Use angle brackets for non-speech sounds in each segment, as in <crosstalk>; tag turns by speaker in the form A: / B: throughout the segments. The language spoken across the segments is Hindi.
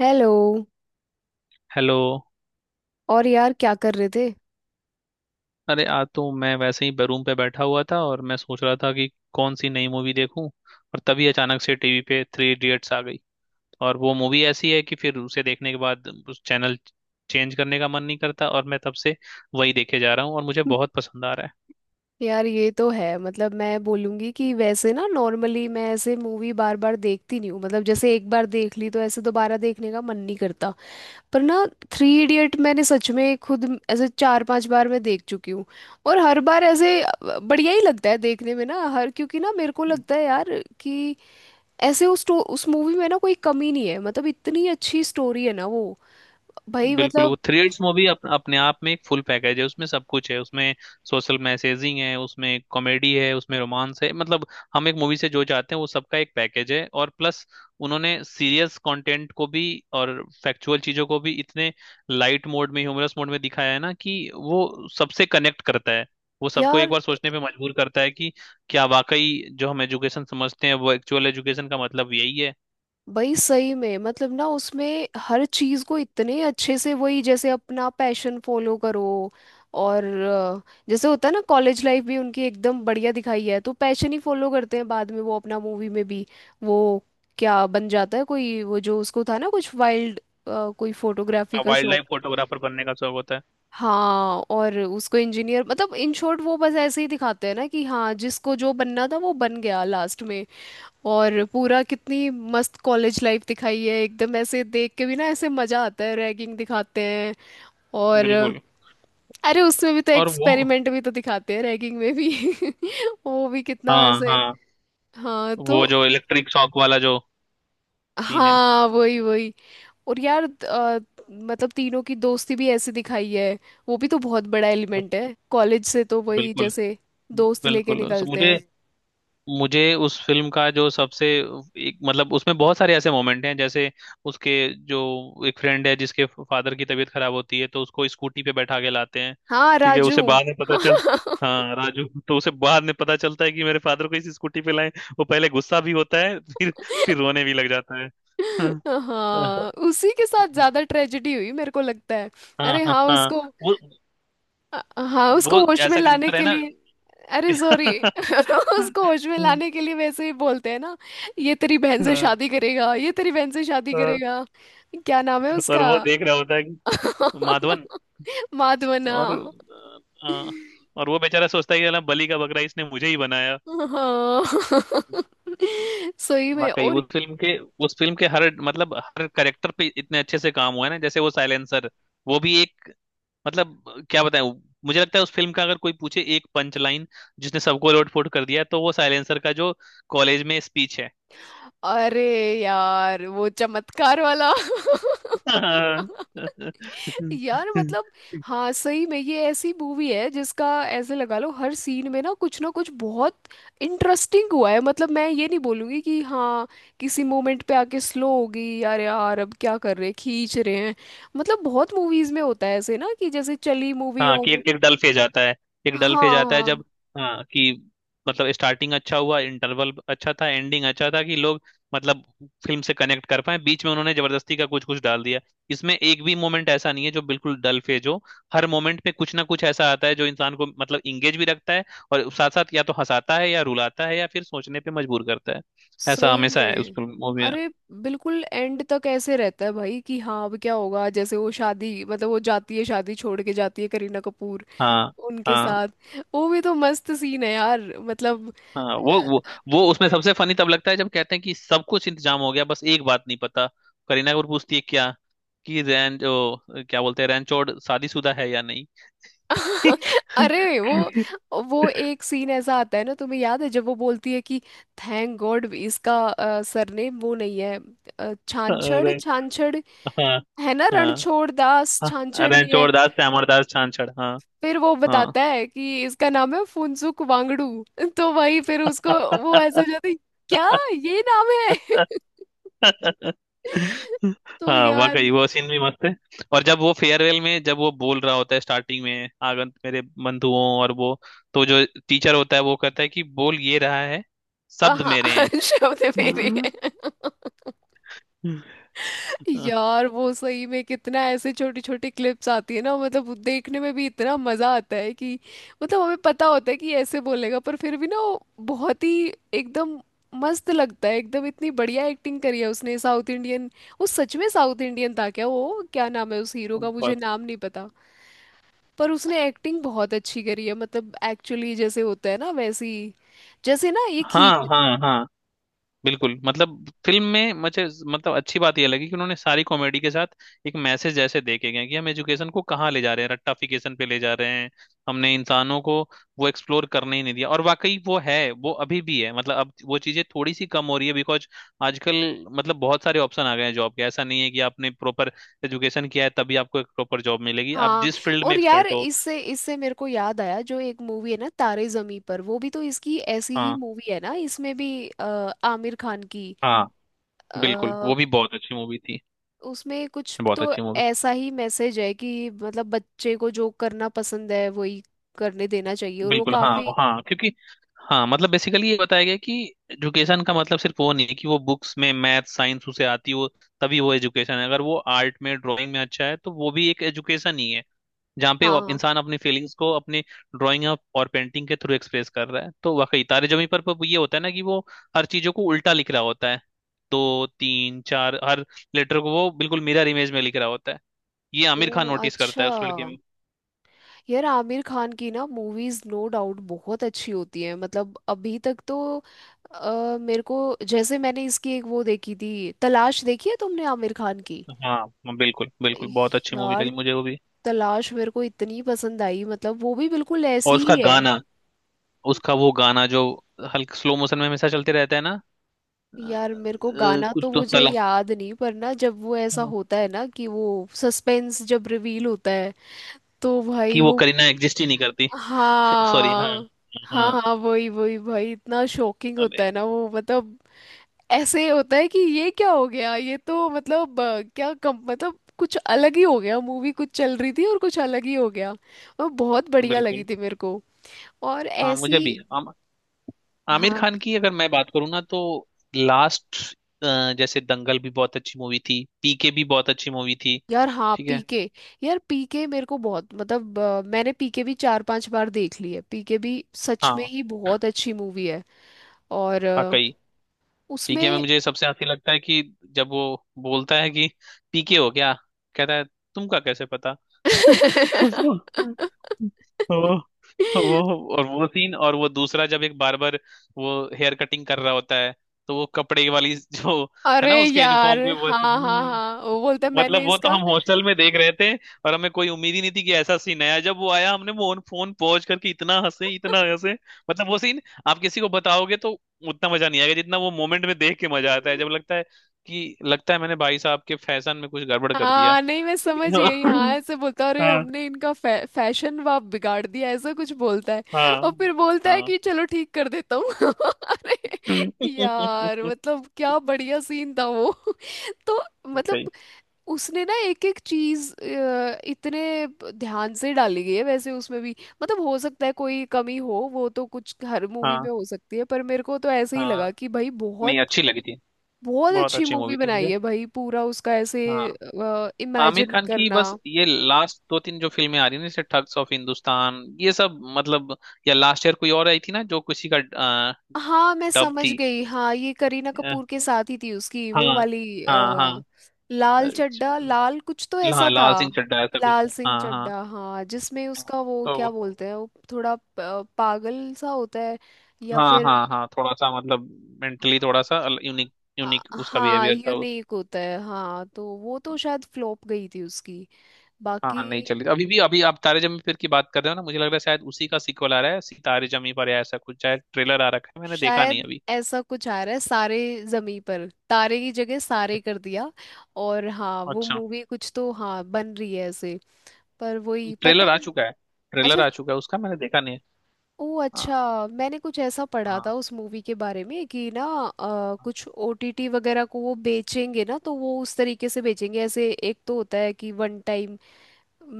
A: हेलो।
B: हेलो।
A: और यार, क्या कर रहे थे?
B: अरे, आज तो मैं वैसे ही रूम पे बैठा हुआ था, और मैं सोच रहा था कि कौन सी नई मूवी देखूं। और तभी अचानक से टीवी पे थ्री इडियट्स आ गई। और वो मूवी ऐसी है कि फिर उसे देखने के बाद उस चैनल चेंज करने का मन नहीं करता। और मैं तब से वही देखे जा रहा हूँ, और मुझे बहुत
A: <laughs>
B: पसंद आ रहा
A: यार, ये तो है। मतलब मैं बोलूँगी कि वैसे ना, नॉर्मली मैं ऐसे मूवी बार बार देखती नहीं हूँ। मतलब जैसे एक बार देख ली तो ऐसे दोबारा देखने का मन नहीं करता। पर ना, थ्री इडियट मैंने सच में खुद ऐसे 4-5 बार मैं देख चुकी हूँ। और हर बार ऐसे बढ़िया ही लगता है देखने में ना हर, क्योंकि ना मेरे को
B: है।
A: लगता है यार कि ऐसे उस मूवी में ना कोई कमी नहीं है। मतलब इतनी अच्छी स्टोरी है ना वो। भाई
B: बिल्कुल, वो
A: मतलब।
B: थ्री इडियट्स मूवी अपने आप में एक फुल पैकेज है। उसमें सब कुछ है, उसमें सोशल मैसेजिंग है, उसमें कॉमेडी है, उसमें रोमांस है। मतलब, हम एक मूवी से जो चाहते हैं वो सबका एक पैकेज है। और प्लस, उन्होंने सीरियस कंटेंट को भी और फैक्चुअल चीजों को भी इतने लाइट मोड में, ह्यूमरस मोड में दिखाया है ना, कि वो सबसे कनेक्ट करता है। वो सबको एक
A: यार
B: बार सोचने पे मजबूर करता है कि क्या वाकई जो हम एजुकेशन समझते हैं वो एक्चुअल एजुकेशन का मतलब यही है।
A: भाई सही में मतलब ना उसमें हर चीज को इतने अच्छे से, वही जैसे अपना पैशन फॉलो करो और जैसे होता है ना, कॉलेज लाइफ भी उनकी एकदम बढ़िया दिखाई है। तो पैशन ही फॉलो करते हैं बाद में वो, अपना मूवी में भी। वो क्या बन जाता है कोई, वो जो उसको था ना, कुछ वाइल्ड कोई फोटोग्राफी का
B: वाइल्ड
A: शौक।
B: लाइफ फोटोग्राफर बनने का शौक होता है।
A: हाँ, और उसको इंजीनियर, मतलब इन शॉर्ट वो बस ऐसे ही दिखाते हैं ना कि हाँ, जिसको जो बनना था वो बन गया लास्ट में। और पूरा कितनी मस्त कॉलेज लाइफ दिखाई है, एकदम ऐसे देख के भी ना ऐसे मजा आता है। रैगिंग दिखाते हैं और बिल्कुल।
B: बिल्कुल,
A: अरे उसमें भी तो
B: और वो,
A: एक्सपेरिमेंट भी तो दिखाते हैं रैगिंग में भी <laughs> वो भी कितना
B: हाँ
A: ऐसे।
B: हाँ,
A: हाँ
B: वो
A: तो।
B: जो इलेक्ट्रिक शॉक वाला जो सीन है।
A: हाँ, वही वही। और यार मतलब तीनों की दोस्ती भी ऐसे दिखाई है। वो भी तो बहुत बड़ा एलिमेंट है कॉलेज से, तो वही
B: बिल्कुल
A: जैसे दोस्त लेके
B: बिल्कुल।
A: निकलते
B: मुझे
A: हैं।
B: मुझे उस फिल्म का जो सबसे एक, मतलब उसमें बहुत सारे ऐसे मोमेंट हैं, जैसे उसके जो एक फ्रेंड है जिसके फादर की तबीयत खराब होती है तो उसको स्कूटी पे बैठा के लाते हैं।
A: हाँ,
B: ठीक है,
A: राजू।
B: उसे बाद में पता चल, हाँ राजू, तो उसे बाद में पता चलता है कि मेरे फादर को इस स्कूटी पे लाए। वो पहले गुस्सा भी होता है, फिर रोने भी लग जाता है। <laughs> हाँ हाँ,
A: हाँ, उसी के साथ ज्यादा ट्रेजेडी हुई मेरे को लगता है।
B: हाँ
A: अरे
B: हाँ
A: हाँ,
B: हाँ,
A: उसको,
B: वो
A: हाँ उसको
B: वो
A: होश में
B: ऐसा
A: लाने
B: कैरेक्टर है
A: के
B: ना।
A: लिए, अरे सॉरी
B: <laughs>
A: <laughs>
B: हाँ,
A: उसको होश में लाने के लिए वैसे ही बोलते हैं ना, ये तेरी बहन से शादी करेगा, ये तेरी बहन से शादी
B: हाँ,
A: करेगा। क्या नाम है
B: और
A: उसका?
B: वो देख रहा होता है कि माधवन।
A: <laughs>
B: और
A: माधवना।
B: आ, और वो बेचारा सोचता है कि साला बलि का बकरा इसने मुझे ही बनाया।
A: हाँ <laughs> सही में।
B: वाकई
A: और
B: उस फिल्म के हर, मतलब हर कैरेक्टर पे इतने अच्छे से काम हुआ है ना, जैसे वो साइलेंसर, वो भी एक, मतलब क्या बताएं। मुझे लगता है उस फिल्म का अगर कोई पूछे एक पंच लाइन जिसने सबको लोटपोट कर दिया, तो वो साइलेंसर का जो कॉलेज में स्पीच है।
A: अरे यार वो चमत्कार वाला <laughs> यार मतलब।
B: <laughs>
A: हाँ सही में, ये ऐसी मूवी है जिसका ऐसे लगा लो हर सीन में ना कुछ बहुत इंटरेस्टिंग हुआ है। मतलब मैं ये नहीं बोलूंगी कि हाँ किसी मोमेंट पे आके स्लो हो गई, यार यार अब क्या कर रहे हैं, खींच रहे हैं। मतलब बहुत मूवीज में होता है ऐसे ना कि जैसे चली मूवी
B: हाँ कि
A: और
B: एक, एक डल फेज आता है एक डल
A: हाँ
B: फेज आता है
A: हाँ।
B: जब, हाँ, कि मतलब स्टार्टिंग अच्छा हुआ, इंटरवल अच्छा था, एंडिंग अच्छा था, कि लोग, मतलब, फिल्म से कनेक्ट कर पाए, बीच में उन्होंने जबरदस्ती का कुछ कुछ डाल दिया। इसमें एक भी मोमेंट ऐसा नहीं है जो बिल्कुल डल फेज हो। हर मोमेंट पे कुछ ना कुछ ऐसा आता है जो इंसान को मतलब इंगेज भी रखता है, और साथ साथ या तो हंसाता है या रुलाता है या फिर सोचने पे मजबूर करता है। ऐसा
A: सही
B: हमेशा है उस
A: में।
B: फिल्म मूवी में।
A: अरे बिल्कुल एंड तक ऐसे रहता है भाई कि हाँ अब क्या होगा, जैसे वो शादी, मतलब वो जाती है, शादी छोड़ के जाती है करीना कपूर
B: हाँ
A: उनके
B: हाँ
A: साथ। वो भी तो मस्त सीन है यार। मतलब
B: हाँ, वो उसमें सबसे फनी तब लगता है जब कहते हैं कि सब कुछ इंतजाम हो गया, बस एक बात नहीं पता, करीना कपूर पूछती है क्या, कि क्या बोलते हैं, रैनचोड़ शादीशुदा है या नहीं। <laughs>
A: <laughs> अरे वो। वो एक सीन ऐसा आता है ना, तुम्हें याद है जब वो बोलती है कि थैंक गॉड इसका सरनेम वो नहीं है, छांछड़
B: अरे
A: छांछड़।
B: हाँ
A: है ना,
B: हाँ
A: रणछोड़ दास
B: हाँ,
A: छांछड़ नहीं है।
B: रैनचोड़ दास श्यामर दास छांछड़। हाँ
A: फिर वो
B: हाँ।
A: बताता है कि इसका नाम है फुनसुक वांगडू। तो वही फिर उसको, वो ऐसे हो जाती, क्या
B: <laughs>
A: ये नाम है?
B: हाँ,
A: <laughs> तो यार।
B: वाकई वो सीन भी मस्त है। और जब वो फेयरवेल में जब वो बोल रहा होता है स्टार्टिंग में, आगंत मेरे बंधुओं और वो, तो जो टीचर होता है वो कहता है कि बोल ये रहा है, शब्द
A: हाँ
B: मेरे हैं।
A: <laughs> शब्द मेरे
B: हाँ।
A: हैं।
B: अ,
A: यार वो सही में कितना ऐसे छोटी छोटी क्लिप्स आती है ना, मतलब वो देखने में भी इतना मजा आता है कि मतलब हमें पता होता है कि ऐसे बोलेगा, पर फिर भी ना वो बहुत ही एकदम मस्त लगता है एकदम। इतनी बढ़िया एक्टिंग करी है उसने। साउथ इंडियन, वो सच में साउथ इंडियन था क्या? वो क्या नाम है उस हीरो का, मुझे
B: पर-
A: नाम नहीं पता। पर उसने एक्टिंग बहुत अच्छी करी है। मतलब एक्चुअली जैसे होता है ना वैसी, जैसे ना ये
B: हाँ
A: खींच।
B: हाँ हाँ, बिल्कुल, मतलब फिल्म में मुझे, मतलब अच्छी बात यह लगी कि उन्होंने सारी कॉमेडी के साथ एक मैसेज जैसे देखे गए हैं कि हम एजुकेशन को कहाँ ले जा रहे हैं, रट्टाफिकेशन पे ले जा रहे हैं। हमने इंसानों को वो एक्सप्लोर करने ही नहीं दिया, और वाकई वो है, वो अभी भी है। मतलब अब वो चीजें थोड़ी सी कम हो रही है बिकॉज आजकल, मतलब, बहुत सारे ऑप्शन आ गए हैं जॉब के। ऐसा नहीं है कि आपने प्रॉपर एजुकेशन किया है तभी आपको एक प्रॉपर जॉब मिलेगी, आप
A: हाँ
B: जिस फील्ड में
A: और यार
B: एक्सपर्ट हो।
A: इससे इससे मेरे को याद आया जो एक मूवी है ना तारे जमी पर, वो भी तो इसकी ऐसी ही
B: हाँ
A: मूवी है ना। इसमें भी आमिर खान की
B: हाँ, बिल्कुल,
A: आ,
B: वो भी बहुत अच्छी मूवी थी,
A: उसमें कुछ
B: बहुत
A: तो
B: अच्छी मूवी।
A: ऐसा ही मैसेज है कि मतलब बच्चे को जो करना पसंद है वही करने देना चाहिए। और वो
B: बिल्कुल हाँ
A: काफी,
B: हाँ, क्योंकि, हाँ, मतलब बेसिकली ये बताया गया कि एजुकेशन का मतलब सिर्फ वो नहीं है कि वो बुक्स में मैथ साइंस उसे आती हो तभी वो एजुकेशन है। अगर वो आर्ट में, ड्राइंग में अच्छा है, तो वो भी एक एजुकेशन ही है, जहाँ पे वो
A: हाँ।
B: इंसान अपनी फीलिंग्स को अपने ड्राइंग और पेंटिंग के थ्रू एक्सप्रेस कर रहा है। तो वाकई तारे जमीन पर ये होता है ना कि वो हर चीजों को उल्टा लिख रहा होता है। दो, तीन, चार, हर लेटर को वो बिल्कुल मिरर इमेज में लिख रहा होता है। ये
A: ओ
B: आमिर खान नोटिस करता
A: अच्छा।
B: है उस लड़के में।
A: यार आमिर खान की ना मूवीज नो डाउट बहुत अच्छी होती है। मतलब अभी तक तो मेरे को, जैसे मैंने इसकी एक वो देखी थी तलाश, देखी है तुमने आमिर खान की?
B: हाँ, बिल्कुल बिल्कुल, बहुत अच्छी मूवी
A: यार
B: लगी मुझे वो भी।
A: तलाश मेरे को इतनी पसंद आई, मतलब वो भी बिल्कुल
B: और
A: ऐसी
B: उसका
A: ही है।
B: गाना उसका वो गाना जो हल्का स्लो मोशन में हमेशा चलते रहता है ना,
A: यार मेरे को गाना
B: कुछ
A: तो
B: तो
A: मुझे
B: तला
A: याद नहीं, पर ना जब वो ऐसा होता है ना कि वो सस्पेंस जब रिवील होता है तो
B: कि
A: भाई
B: वो
A: वो,
B: करीना एग्जिस्ट ही नहीं करती। <laughs> सॉरी, हाँ
A: हाँ हाँ
B: हाँ,
A: हाँ वही वही भाई, इतना शॉकिंग होता
B: अरे
A: है ना वो। मतलब ऐसे होता है कि ये क्या हो गया, ये तो मतलब क्या कम, मतलब कुछ अलग ही हो गया, मूवी कुछ चल रही थी और कुछ अलग ही हो गया। और बहुत बढ़िया लगी
B: बिल्कुल,
A: थी मेरे को। और
B: हाँ मुझे
A: ऐसी,
B: भी आमिर
A: हाँ।
B: खान की अगर मैं बात करूँ ना, तो लास्ट, जैसे दंगल भी बहुत अच्छी मूवी थी, पीके भी बहुत अच्छी मूवी थी।
A: यार हाँ
B: ठीक है।
A: पीके। यार पीके मेरे को बहुत, मतलब मैंने पीके भी 4-5 बार देख ली है। पीके भी सच में
B: हाँ,
A: ही बहुत अच्छी मूवी है। और
B: वाकई पीके में
A: उसमें
B: मुझे सबसे हंसी लगता है कि जब वो बोलता है कि पीके हो क्या, कहता है तुमका कैसे पता। <laughs>
A: <laughs>
B: वो और वो सीन, और वो दूसरा जब एक बार्बर, वो हेयर कटिंग कर रहा होता है, तो वो कपड़े वाली जो है
A: अरे
B: ना, उसके
A: यार,
B: यूनिफॉर्म की
A: हाँ हाँ
B: वो,
A: हाँ वो बोलता है
B: मतलब
A: मैंने
B: वो तो
A: इसका,
B: हम हॉस्टल में देख रहे थे, और हमें कोई उम्मीद ही नहीं थी कि ऐसा सीन आया। जब वो आया हमने वो फोन पहुंच करके इतना हंसे, इतना हंसे, मतलब वो सीन आप किसी को बताओगे तो उतना मजा नहीं आएगा जितना वो मोमेंट में देख के मजा आता है, जब लगता है कि लगता है मैंने भाई साहब के फैशन में कुछ गड़बड़ कर दिया।
A: हाँ नहीं मैं समझ गई,
B: <laughs>
A: हाँ ऐसे बोलता, अरे
B: हाँ
A: हमने इनका फैशन वाप बिगाड़ दिया ऐसा कुछ बोलता है।
B: हाँ
A: और फिर बोलता है
B: हाँ।
A: कि चलो ठीक कर देता हूँ <laughs> अरे यार
B: <laughs>
A: मतलब क्या बढ़िया सीन था वो <laughs> तो
B: सही।
A: मतलब उसने ना एक एक चीज इतने ध्यान से डाली गई है वैसे उसमें भी। मतलब हो सकता है कोई कमी हो, वो तो कुछ हर मूवी
B: हाँ
A: में हो सकती है, पर मेरे को तो ऐसे ही
B: हाँ,
A: लगा कि भाई
B: नहीं
A: बहुत
B: अच्छी लगी थी,
A: बहुत
B: बहुत
A: अच्छी
B: अच्छी
A: मूवी
B: मूवी थी
A: बनाई
B: मुझे।
A: है भाई पूरा उसका ऐसे
B: हाँ, आमिर
A: इमेजिन
B: खान की
A: करना।
B: बस ये लास्ट दो तीन जो फिल्में आ रही हैं ना, जैसे ठग्स ऑफ हिंदुस्तान, ये सब, मतलब, या लास्ट ईयर कोई और आई थी ना जो किसी का
A: हाँ मैं
B: डब
A: समझ
B: थी।
A: गई, हाँ ये करीना
B: अ,
A: कपूर के साथ ही थी उसकी
B: हाँ
A: वो वाली।
B: हाँ हाँ,
A: अ, लाल
B: अ,
A: चड्ढा,
B: च-
A: लाल कुछ तो
B: हाँ,
A: ऐसा था।
B: लाल सिंह चड्ढा ऐसा कुछ
A: लाल
B: था।
A: सिंह
B: हाँ हाँ।
A: चड्ढा हाँ, जिसमें उसका वो
B: तो
A: क्या बोलते हैं, वो थोड़ा पागल सा होता है, या
B: हाँ
A: फिर
B: हाँ हाँ, थोड़ा सा, मतलब मेंटली थोड़ा सा यूनिक यूनिक उसका
A: हाँ
B: बिहेवियर था वो।
A: यूनिक होता है। हाँ तो वो तो शायद फ्लॉप गई थी उसकी। बाकी
B: हाँ, नहीं चली अभी भी। अभी आप तारे जमीन पर की बात कर रहे हो ना, मुझे लग रहा है शायद उसी का सीक्वल आ रहा है, सितारे जमीन पर या ऐसा कुछ, शायद ट्रेलर आ रखा है, मैंने देखा नहीं
A: शायद
B: अभी।
A: ऐसा कुछ आ रहा है, सारे जमी पर, तारे की जगह सारे कर दिया। और हाँ वो
B: अच्छा,
A: मूवी कुछ तो हाँ बन रही है ऐसे, पर वही
B: ट्रेलर
A: पता
B: आ
A: नहीं।
B: चुका है ट्रेलर
A: अच्छा।
B: आ चुका है उसका, मैंने देखा नहीं है।
A: ओ
B: हाँ
A: अच्छा, मैंने कुछ ऐसा पढ़ा
B: हाँ
A: था उस मूवी के बारे में कि ना कुछ ओटीटी वगैरह को वो बेचेंगे ना, तो वो उस तरीके से बेचेंगे, ऐसे एक तो होता है कि वन टाइम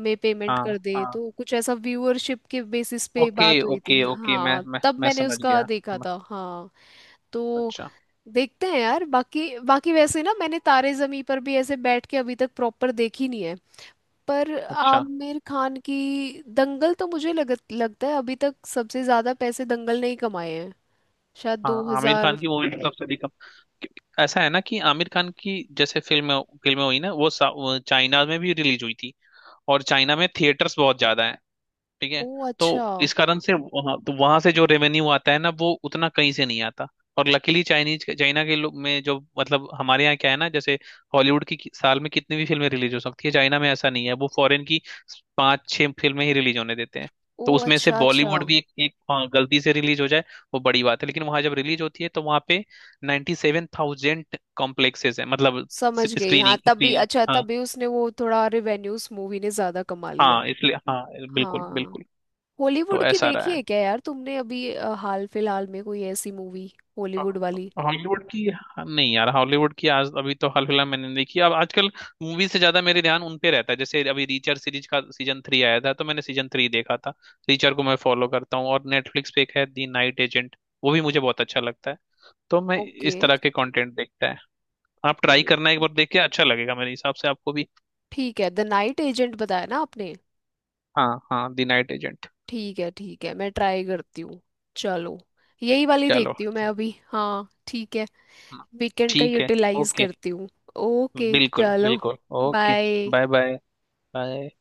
A: में पेमेंट
B: हाँ
A: कर दे,
B: हाँ,
A: तो कुछ ऐसा व्यूअरशिप के बेसिस पे
B: ओके
A: बात हुई थी,
B: ओके ओके, मैं
A: हाँ
B: मैं
A: तब
B: मैं
A: मैंने
B: समझ
A: उसका
B: गया।
A: देखा था हाँ। तो
B: अच्छा।
A: देखते हैं यार। बाकी बाकी वैसे ना मैंने तारे जमी पर भी ऐसे बैठ के अभी तक प्रॉपर देखी नहीं है। पर
B: अच्छा,
A: आमिर खान की दंगल तो मुझे लगता है अभी तक सबसे ज्यादा पैसे दंगल ने ही कमाए हैं, शायद दो
B: हाँ, आमिर
A: हजार
B: खान की मूवी तो सबसे अधिक, ऐसा है ना, कि आमिर खान की जैसे फिल्में हुई ना, वो चाइना में भी रिलीज हुई थी, और चाइना में थिएटर्स बहुत ज्यादा। ठीक
A: ओ
B: है। तो
A: अच्छा।
B: इस कारण से वहां, तो वहां से जो रेवेन्यू आता है ना, वो उतना कहीं से नहीं आता। और लकीली चाइनीज चाइना के लोग में जो, मतलब हमारे यहाँ क्या है ना, जैसे हॉलीवुड की साल में कितनी भी फिल्में रिलीज हो सकती है, चाइना में ऐसा नहीं है, वो फॉरेन की 5-6 फिल्में ही रिलीज होने देते हैं।
A: ओ
B: तो उसमें से
A: अच्छा अच्छा,
B: बॉलीवुड भी एक, हाँ, गलती से रिलीज हो जाए वो बड़ी बात है। लेकिन वहां जब रिलीज होती है तो वहां पे 97,000 कॉम्प्लेक्सेस है, मतलब
A: समझ गई हाँ,
B: स्क्रीनिंग
A: तभी
B: स्क्रीन।
A: अच्छा,
B: हाँ
A: तभी उसने वो थोड़ा रिवेन्यू उस मूवी ने ज्यादा कमा लिया।
B: हाँ, इसलिए हाँ, बिल्कुल
A: हाँ।
B: बिल्कुल।
A: हॉलीवुड
B: तो
A: की
B: ऐसा रहा
A: देखी
B: है।
A: है क्या यार तुमने अभी हाल फिलहाल में कोई ऐसी मूवी, हॉलीवुड वाली?
B: हॉलीवुड की, नहीं यार, हॉलीवुड की आज अभी तो हाल फिलहाल मैंने नहीं देखी। अब आजकल मूवी से ज्यादा मेरे ध्यान उन पे रहता है, जैसे अभी रीचर सीरीज का सीजन 3 आया था तो मैंने सीजन 3 देखा था। रीचर को मैं फॉलो करता हूँ, और नेटफ्लिक्स पे एक है दी नाइट एजेंट, वो भी मुझे बहुत अच्छा लगता है। तो मैं
A: ओके।
B: इस तरह के कंटेंट देखता है। आप ट्राई करना, एक बार देख के अच्छा लगेगा मेरे हिसाब से आपको भी।
A: ठीक है, द नाइट एजेंट बताया ना आपने।
B: हाँ हाँ, दी नाइट एजेंट।
A: ठीक है ठीक है, मैं ट्राई करती हूँ। चलो, यही वाली
B: चलो।
A: देखती हूँ मैं अभी हाँ ठीक है।
B: हाँ,
A: वीकेंड का
B: ठीक है।
A: यूटिलाइज
B: ओके,
A: करती हूँ। ओके
B: बिल्कुल
A: चलो।
B: बिल्कुल, okay.
A: Bye.
B: Bye, bye, bye.